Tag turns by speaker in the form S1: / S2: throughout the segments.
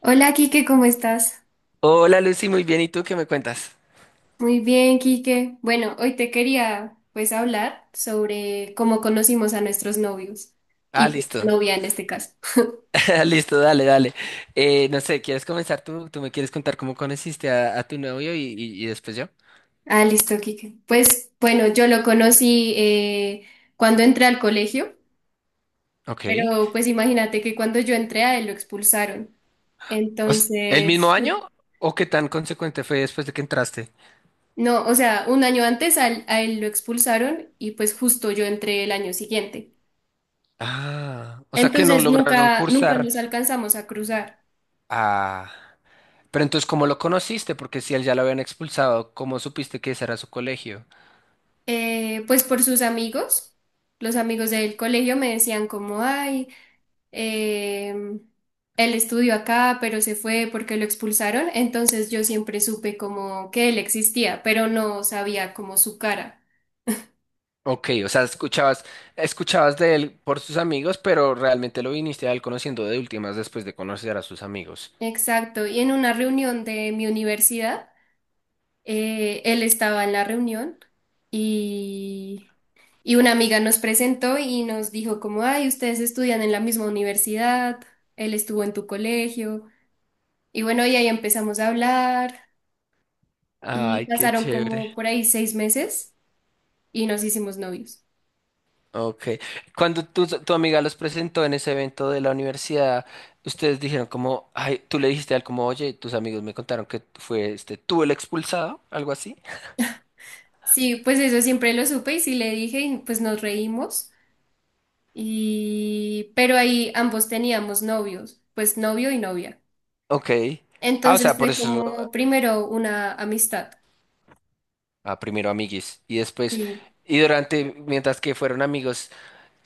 S1: Hola, Quique, ¿cómo estás?
S2: Hola Lucy, muy bien. ¿Y tú qué me cuentas?
S1: Muy bien, Quique. Bueno, hoy te quería pues hablar sobre cómo conocimos a nuestros novios
S2: Ah,
S1: y pues,
S2: listo.
S1: novia en este caso.
S2: Listo, dale, dale. No sé, ¿quieres comenzar tú? ¿Tú me quieres contar cómo conociste a tu novio y después yo?
S1: Ah, listo, Quique. Pues bueno, yo lo conocí cuando entré al colegio,
S2: Ok.
S1: pero pues imagínate que cuando yo entré a él lo expulsaron.
S2: ¿El mismo
S1: Entonces,
S2: año o qué tan consecuente fue después de que entraste?
S1: no, o sea, un año antes a él lo expulsaron y pues justo yo entré el año siguiente.
S2: Ah, o sea que no
S1: Entonces
S2: lograron
S1: nunca, nunca
S2: cursar.
S1: nos alcanzamos a cruzar.
S2: Ah, pero entonces, ¿cómo lo conociste? Porque si él ya lo habían expulsado, ¿cómo supiste que ese era su colegio?
S1: Pues por sus amigos, los amigos del colegio me decían como, ay, eh, él estudió acá, pero se fue porque lo expulsaron, entonces yo siempre supe como que él existía, pero no sabía como su cara.
S2: Ok, o sea, escuchabas de él por sus amigos, pero realmente lo viniste a él conociendo de últimas después de conocer a sus amigos.
S1: Exacto, y en una reunión de mi universidad, él estaba en la reunión y... Y una amiga nos presentó y nos dijo como, ay, ustedes estudian en la misma universidad, él estuvo en tu colegio. Y bueno, y ahí empezamos a hablar y
S2: Ay, qué
S1: pasaron
S2: chévere.
S1: como por ahí 6 meses y nos hicimos novios.
S2: Ok. Cuando tu amiga los presentó en ese evento de la universidad, ustedes dijeron como, ay, tú le dijiste a él como, oye, tus amigos me contaron que fue este, tú el expulsado, algo así.
S1: Sí, pues eso siempre lo supe y sí le dije y pues nos reímos y pero ahí ambos teníamos novios, pues novio y novia.
S2: Ok. Ah, o
S1: Entonces
S2: sea, por
S1: fue
S2: eso,
S1: como primero una amistad.
S2: ah, primero amiguis y después,
S1: Y
S2: y durante, mientras que fueron amigos.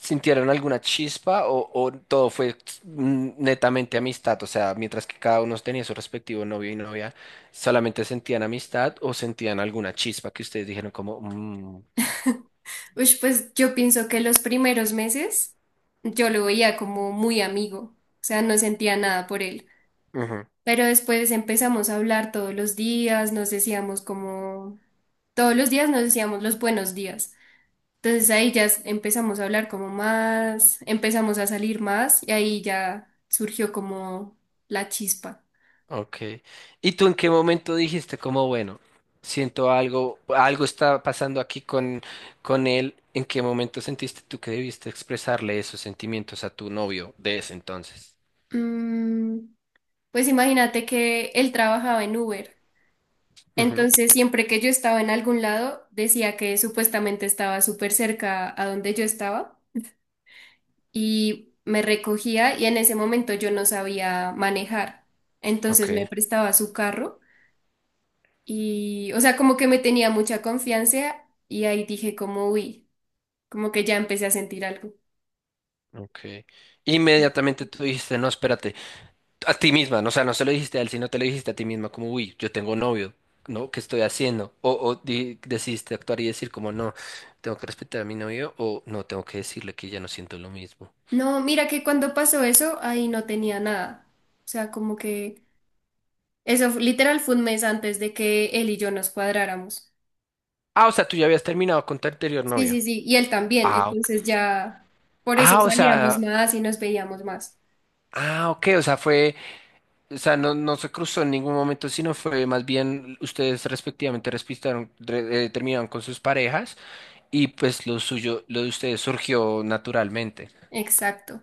S2: ¿Sintieron alguna chispa o todo fue netamente amistad? O sea, mientras que cada uno tenía su respectivo novio y novia, ¿solamente sentían amistad o sentían alguna chispa que ustedes dijeron como?
S1: ush, pues yo pienso que los primeros meses yo lo veía como muy amigo, o sea, no sentía nada por él.
S2: Ujú.
S1: Pero después empezamos a hablar todos los días, nos decíamos como, todos los días nos decíamos los buenos días. Entonces ahí ya empezamos a hablar como más, empezamos a salir más y ahí ya surgió como la chispa.
S2: Ok. ¿Y tú en qué momento dijiste como, bueno, siento algo, algo está pasando aquí con él? ¿En qué momento sentiste tú que debiste expresarle esos sentimientos a tu novio de ese entonces?
S1: Mm, pues imagínate que él trabajaba en Uber.
S2: Ujú.
S1: Entonces siempre que yo estaba en algún lado, decía que supuestamente estaba súper cerca a donde yo estaba. Y me recogía y en ese momento yo no sabía manejar. Entonces
S2: Ok,
S1: me prestaba su carro y, o sea, como que me tenía mucha confianza y ahí dije como, uy, como que ya empecé a sentir algo.
S2: ok. Inmediatamente tú dijiste, no, espérate, a ti misma, ¿no? O sea, no se lo dijiste a él, sino te lo dijiste a ti misma, como, uy, yo tengo novio, ¿no? ¿Qué estoy haciendo? Decidiste actuar y decir, como, no, tengo que respetar a mi novio, o no, tengo que decirle que ya no siento lo mismo.
S1: No, mira que cuando pasó eso, ahí no tenía nada. O sea, como que literal fue un mes antes de que él y yo nos cuadráramos.
S2: Ah, o sea, tú ya habías terminado con tu anterior
S1: Sí,
S2: novio.
S1: sí, sí, y él también.
S2: Ah, ok.
S1: Entonces ya, por eso
S2: Ah, o
S1: salíamos
S2: sea,
S1: más y nos veíamos más.
S2: ah, ok, o sea, fue, o sea, no, no se cruzó en ningún momento, sino fue más bien ustedes respectivamente respetaron, terminaron con sus parejas y pues lo suyo, lo de ustedes surgió naturalmente.
S1: Exacto.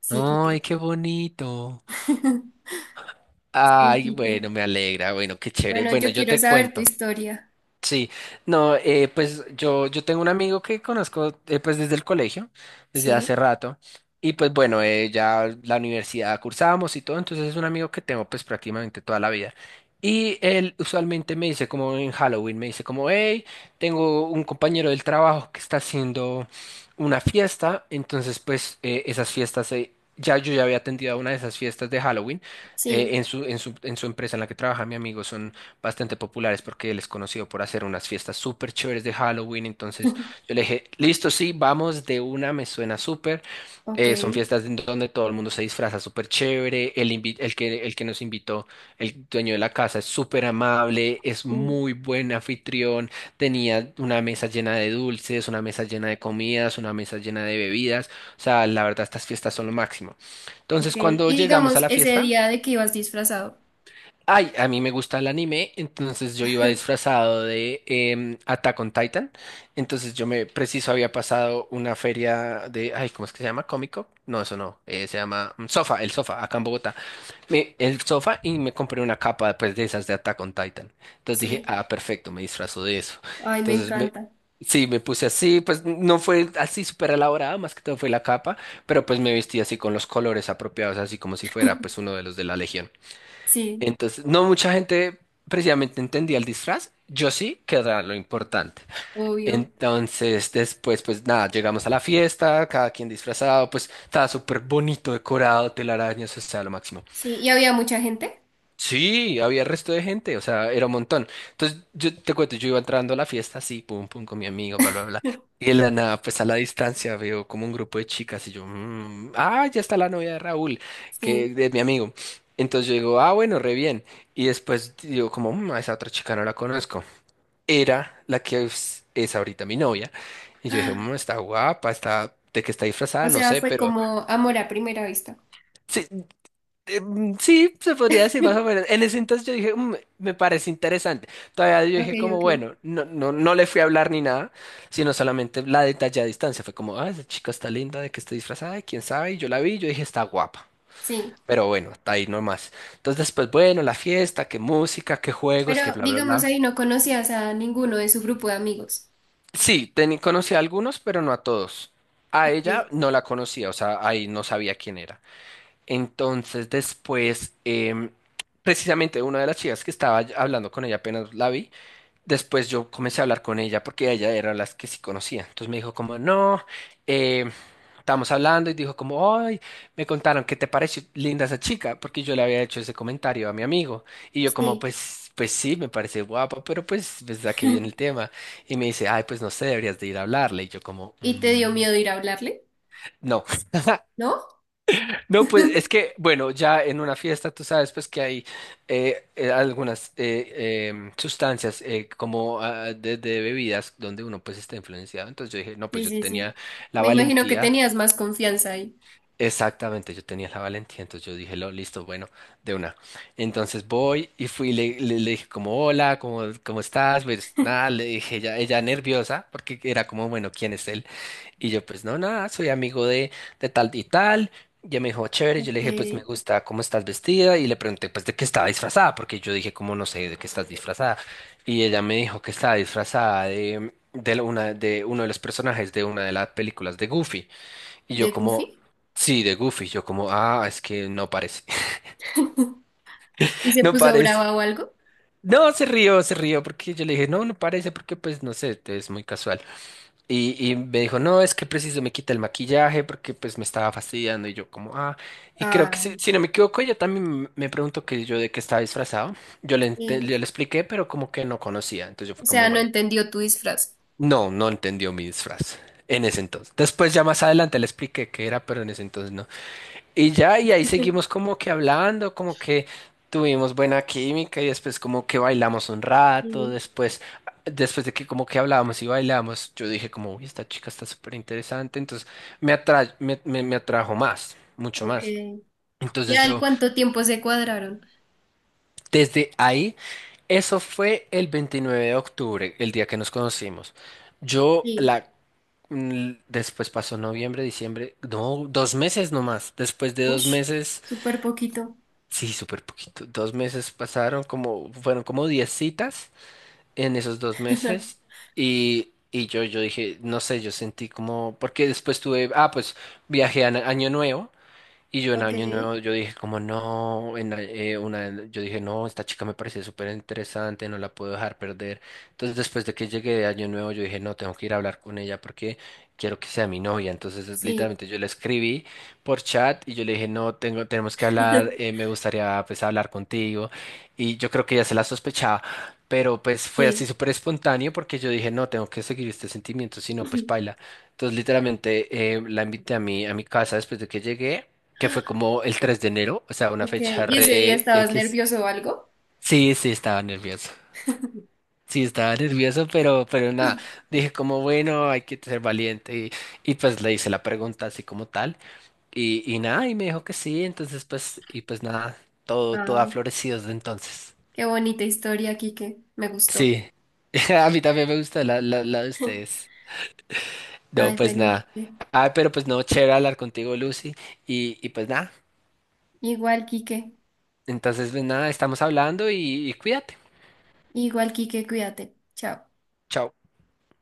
S1: Sí,
S2: Ay,
S1: Kike.
S2: qué bonito.
S1: Sí,
S2: Ay,
S1: Quique.
S2: bueno, me alegra, bueno, qué chévere.
S1: Bueno,
S2: Bueno,
S1: yo
S2: yo
S1: quiero
S2: te
S1: saber tu
S2: cuento.
S1: historia.
S2: Sí, no, pues yo tengo un amigo que conozco pues desde el colegio, desde
S1: Sí.
S2: hace rato, y pues bueno, ya la universidad cursábamos y todo, entonces es un amigo que tengo pues prácticamente toda la vida. Y él usualmente me dice como en Halloween, me dice como, hey, tengo un compañero del trabajo que está haciendo una fiesta, entonces pues esas fiestas, ya yo ya había atendido a una de esas fiestas de Halloween
S1: Sí.
S2: en su empresa en la que trabaja mi amigo, bastante populares porque él es conocido por hacer unas fiestas súper chéveres de Halloween. Entonces yo le dije, listo, sí, vamos de una, me suena súper.
S1: Ok.
S2: Son fiestas en donde todo el mundo se disfraza súper chévere. El que nos invitó, el dueño de la casa, es súper amable, es
S1: Mm,
S2: muy buen anfitrión. Tenía una mesa llena de dulces, una mesa llena de comidas, una mesa llena de bebidas. O sea, la verdad, estas fiestas son lo máximo.
S1: ok.
S2: Entonces, cuando
S1: Y
S2: llegamos a
S1: digamos,
S2: la
S1: ese
S2: fiesta.
S1: día de que ibas disfrazado.
S2: Ay, a mí me gusta el anime, entonces yo iba disfrazado de Attack on Titan. Entonces yo me preciso había pasado una feria de, ay, ¿cómo es que se llama? ¿Cómico? No, eso no, se llama Sofa, el Sofa, acá en Bogotá. El Sofa y me compré una capa pues de esas de Attack on Titan. Entonces dije,
S1: Sí.
S2: ah, perfecto, me disfrazo de eso.
S1: Ay, me
S2: Entonces
S1: encanta.
S2: sí, me puse así, pues no fue así súper elaborada, más que todo fue la capa, pero pues me vestí así con los colores apropiados, así como si fuera pues uno de los de la Legión.
S1: Sí,
S2: Entonces, no mucha gente precisamente entendía el disfraz. Yo sí, que era lo importante.
S1: obvio.
S2: Entonces, después, pues nada, llegamos a la fiesta, cada quien disfrazado, pues estaba súper bonito, decorado, telarañas, o sea, lo máximo.
S1: Sí. ¿Y había mucha gente?
S2: Sí, había resto de gente, o sea, era un montón. Entonces, yo te cuento, yo iba entrando a la fiesta así, pum, pum, con mi amigo, bla, bla, bla. Y en la nada, pues a la distancia veo como un grupo de chicas y yo, ah, ya está la novia de Raúl, que
S1: Sí.
S2: es mi amigo. Entonces yo digo, ah, bueno, re bien. Y después digo, como, a esa otra chica no la conozco. Era la que es ahorita mi novia. Y yo dije,
S1: Ah,
S2: está guapa, de que está
S1: o
S2: disfrazada, no
S1: sea,
S2: sé,
S1: fue
S2: pero
S1: como amor a primera vista.
S2: sí. Sí, se podría decir más o menos. En ese entonces yo dije, me parece interesante. Todavía yo
S1: Ok,
S2: dije como,
S1: ok.
S2: bueno, no, no, no le fui a hablar ni nada, sino solamente la detallé a distancia. Fue como, ah, esa chica está linda, de que está disfrazada, quién sabe. Y yo la vi, y yo dije, está guapa.
S1: Sí.
S2: Pero bueno, está ahí nomás. Entonces después, bueno, la fiesta, qué música, qué juegos, qué
S1: Pero
S2: bla, bla,
S1: digamos,
S2: bla.
S1: ahí no conocías a ninguno de su grupo de amigos.
S2: Sí, conocí a algunos, pero no a todos. A ella
S1: Ok.
S2: no la conocía, o sea, ahí no sabía quién era. Entonces después, precisamente una de las chicas que estaba hablando con ella apenas la vi, después yo comencé a hablar con ella porque ella era las que sí conocía. Entonces me dijo como, no, eh, estábamos hablando y dijo como, ay, me contaron que te pareció linda esa chica porque yo le había hecho ese comentario a mi amigo. Y yo como,
S1: Sí.
S2: pues sí, me parece guapa, pero pues a qué viene el tema. Y me dice, ay, pues no sé, deberías de ir a hablarle. Y yo como,
S1: ¿Y te dio miedo ir a hablarle?
S2: No.
S1: ¿No?
S2: No, pues es que, bueno, ya en una fiesta tú sabes pues que hay algunas sustancias como ah, de bebidas donde uno pues está influenciado. Entonces yo dije, no, pues
S1: Sí,
S2: yo
S1: sí,
S2: tenía
S1: sí.
S2: la
S1: Me imagino que
S2: valentía,
S1: tenías más confianza ahí.
S2: exactamente, yo tenía la valentía. Entonces yo dije, listo, bueno, de una. Entonces voy y fui, y le dije como, hola, ¿cómo estás? Pues nada, le dije, ella nerviosa porque era como, bueno, ¿quién es él? Y yo, pues no, nada, soy amigo de tal y tal. Y ella me dijo, chévere. Yo le
S1: Ok.
S2: dije, pues me gusta cómo estás vestida. Y le pregunté, pues de qué estaba disfrazada, porque yo dije, cómo no sé de qué estás disfrazada. Y ella me dijo que estaba disfrazada de uno de los personajes de una de las películas de Goofy. Y
S1: ¿De
S2: yo, como,
S1: Goofy?
S2: sí, de Goofy. Yo, como, ah, es que no parece,
S1: ¿Y se
S2: no
S1: puso
S2: parece.
S1: brava o algo?
S2: No, se rió, porque yo le dije, no, no parece, porque pues no sé, es muy casual. Y me dijo, no, es que preciso me quita el maquillaje porque pues me estaba fastidiando y yo como, ah, y creo que si,
S1: Ah,
S2: si no me equivoco, ella también me preguntó que yo de qué estaba disfrazado. Yo le, ente-
S1: sí.
S2: yo le expliqué, pero como que no conocía. Entonces yo
S1: O
S2: fue como,
S1: sea, no
S2: bueno,
S1: entendió tu disfraz.
S2: no, no entendió mi disfraz en ese entonces. Después ya más adelante le expliqué qué era, pero en ese entonces no. Y ya, y ahí seguimos como que hablando, como que tuvimos buena química y después como que bailamos un rato,
S1: Sí,
S2: después de que como que hablábamos y bailamos, yo dije como, uy, esta chica está súper interesante, entonces me atrajo más, mucho
S1: ok.
S2: más.
S1: ¿Y
S2: Entonces
S1: al cuánto tiempo se cuadraron?
S2: desde ahí, eso fue el 29 de octubre, el día que nos conocimos. Yo
S1: Sí.
S2: la. Después pasó noviembre, diciembre, no, 2 meses nomás. Después de 2
S1: Ush,
S2: meses.
S1: súper poquito.
S2: Sí, súper poquito. 2 meses pasaron, como, fueron como 10 citas en esos 2 meses. Y yo dije, no sé, yo sentí como, porque después pues viajé a Año Nuevo y yo en
S1: Ok,
S2: Año Nuevo, yo dije como no, en la- una, de- yo dije no, esta chica me parece súper interesante, no la puedo dejar perder. Entonces después de que llegué de Año Nuevo, yo dije no, tengo que ir a hablar con ella porque quiero que sea mi novia. Entonces
S1: sí,
S2: literalmente yo le escribí por chat y yo le dije no, tenemos que hablar, me gustaría pues hablar contigo. Y yo creo que ella se la sospechaba, pero pues fue así
S1: sí.
S2: súper espontáneo porque yo dije no, tengo que seguir este sentimiento, si no pues paila. Entonces literalmente la invité a mi casa después de que llegué que fue como el 3 de enero, o sea, una
S1: Ok,
S2: fecha
S1: ¿y ese día
S2: re
S1: estabas
S2: X.
S1: nervioso o algo?
S2: Sí, sí, estaba nervioso. Sí, estaba nervioso, pero nada, dije como, bueno, hay que ser valiente y pues le hice la pregunta así como tal y nada, y me dijo que sí, entonces pues, y pues nada, todo, todo ha
S1: Ay,
S2: florecido desde entonces.
S1: qué bonita historia, Quique. Me gustó.
S2: Sí, a mí también me gusta la de ustedes. No,
S1: Ay,
S2: pues
S1: bueno,
S2: nada.
S1: Quique.
S2: Ah, pero pues no, chévere hablar contigo, Lucy, y pues nada,
S1: Igual, Quique.
S2: entonces pues nada, estamos hablando y cuídate.
S1: Igual, Quique, cuídate. Chao.
S2: Chao.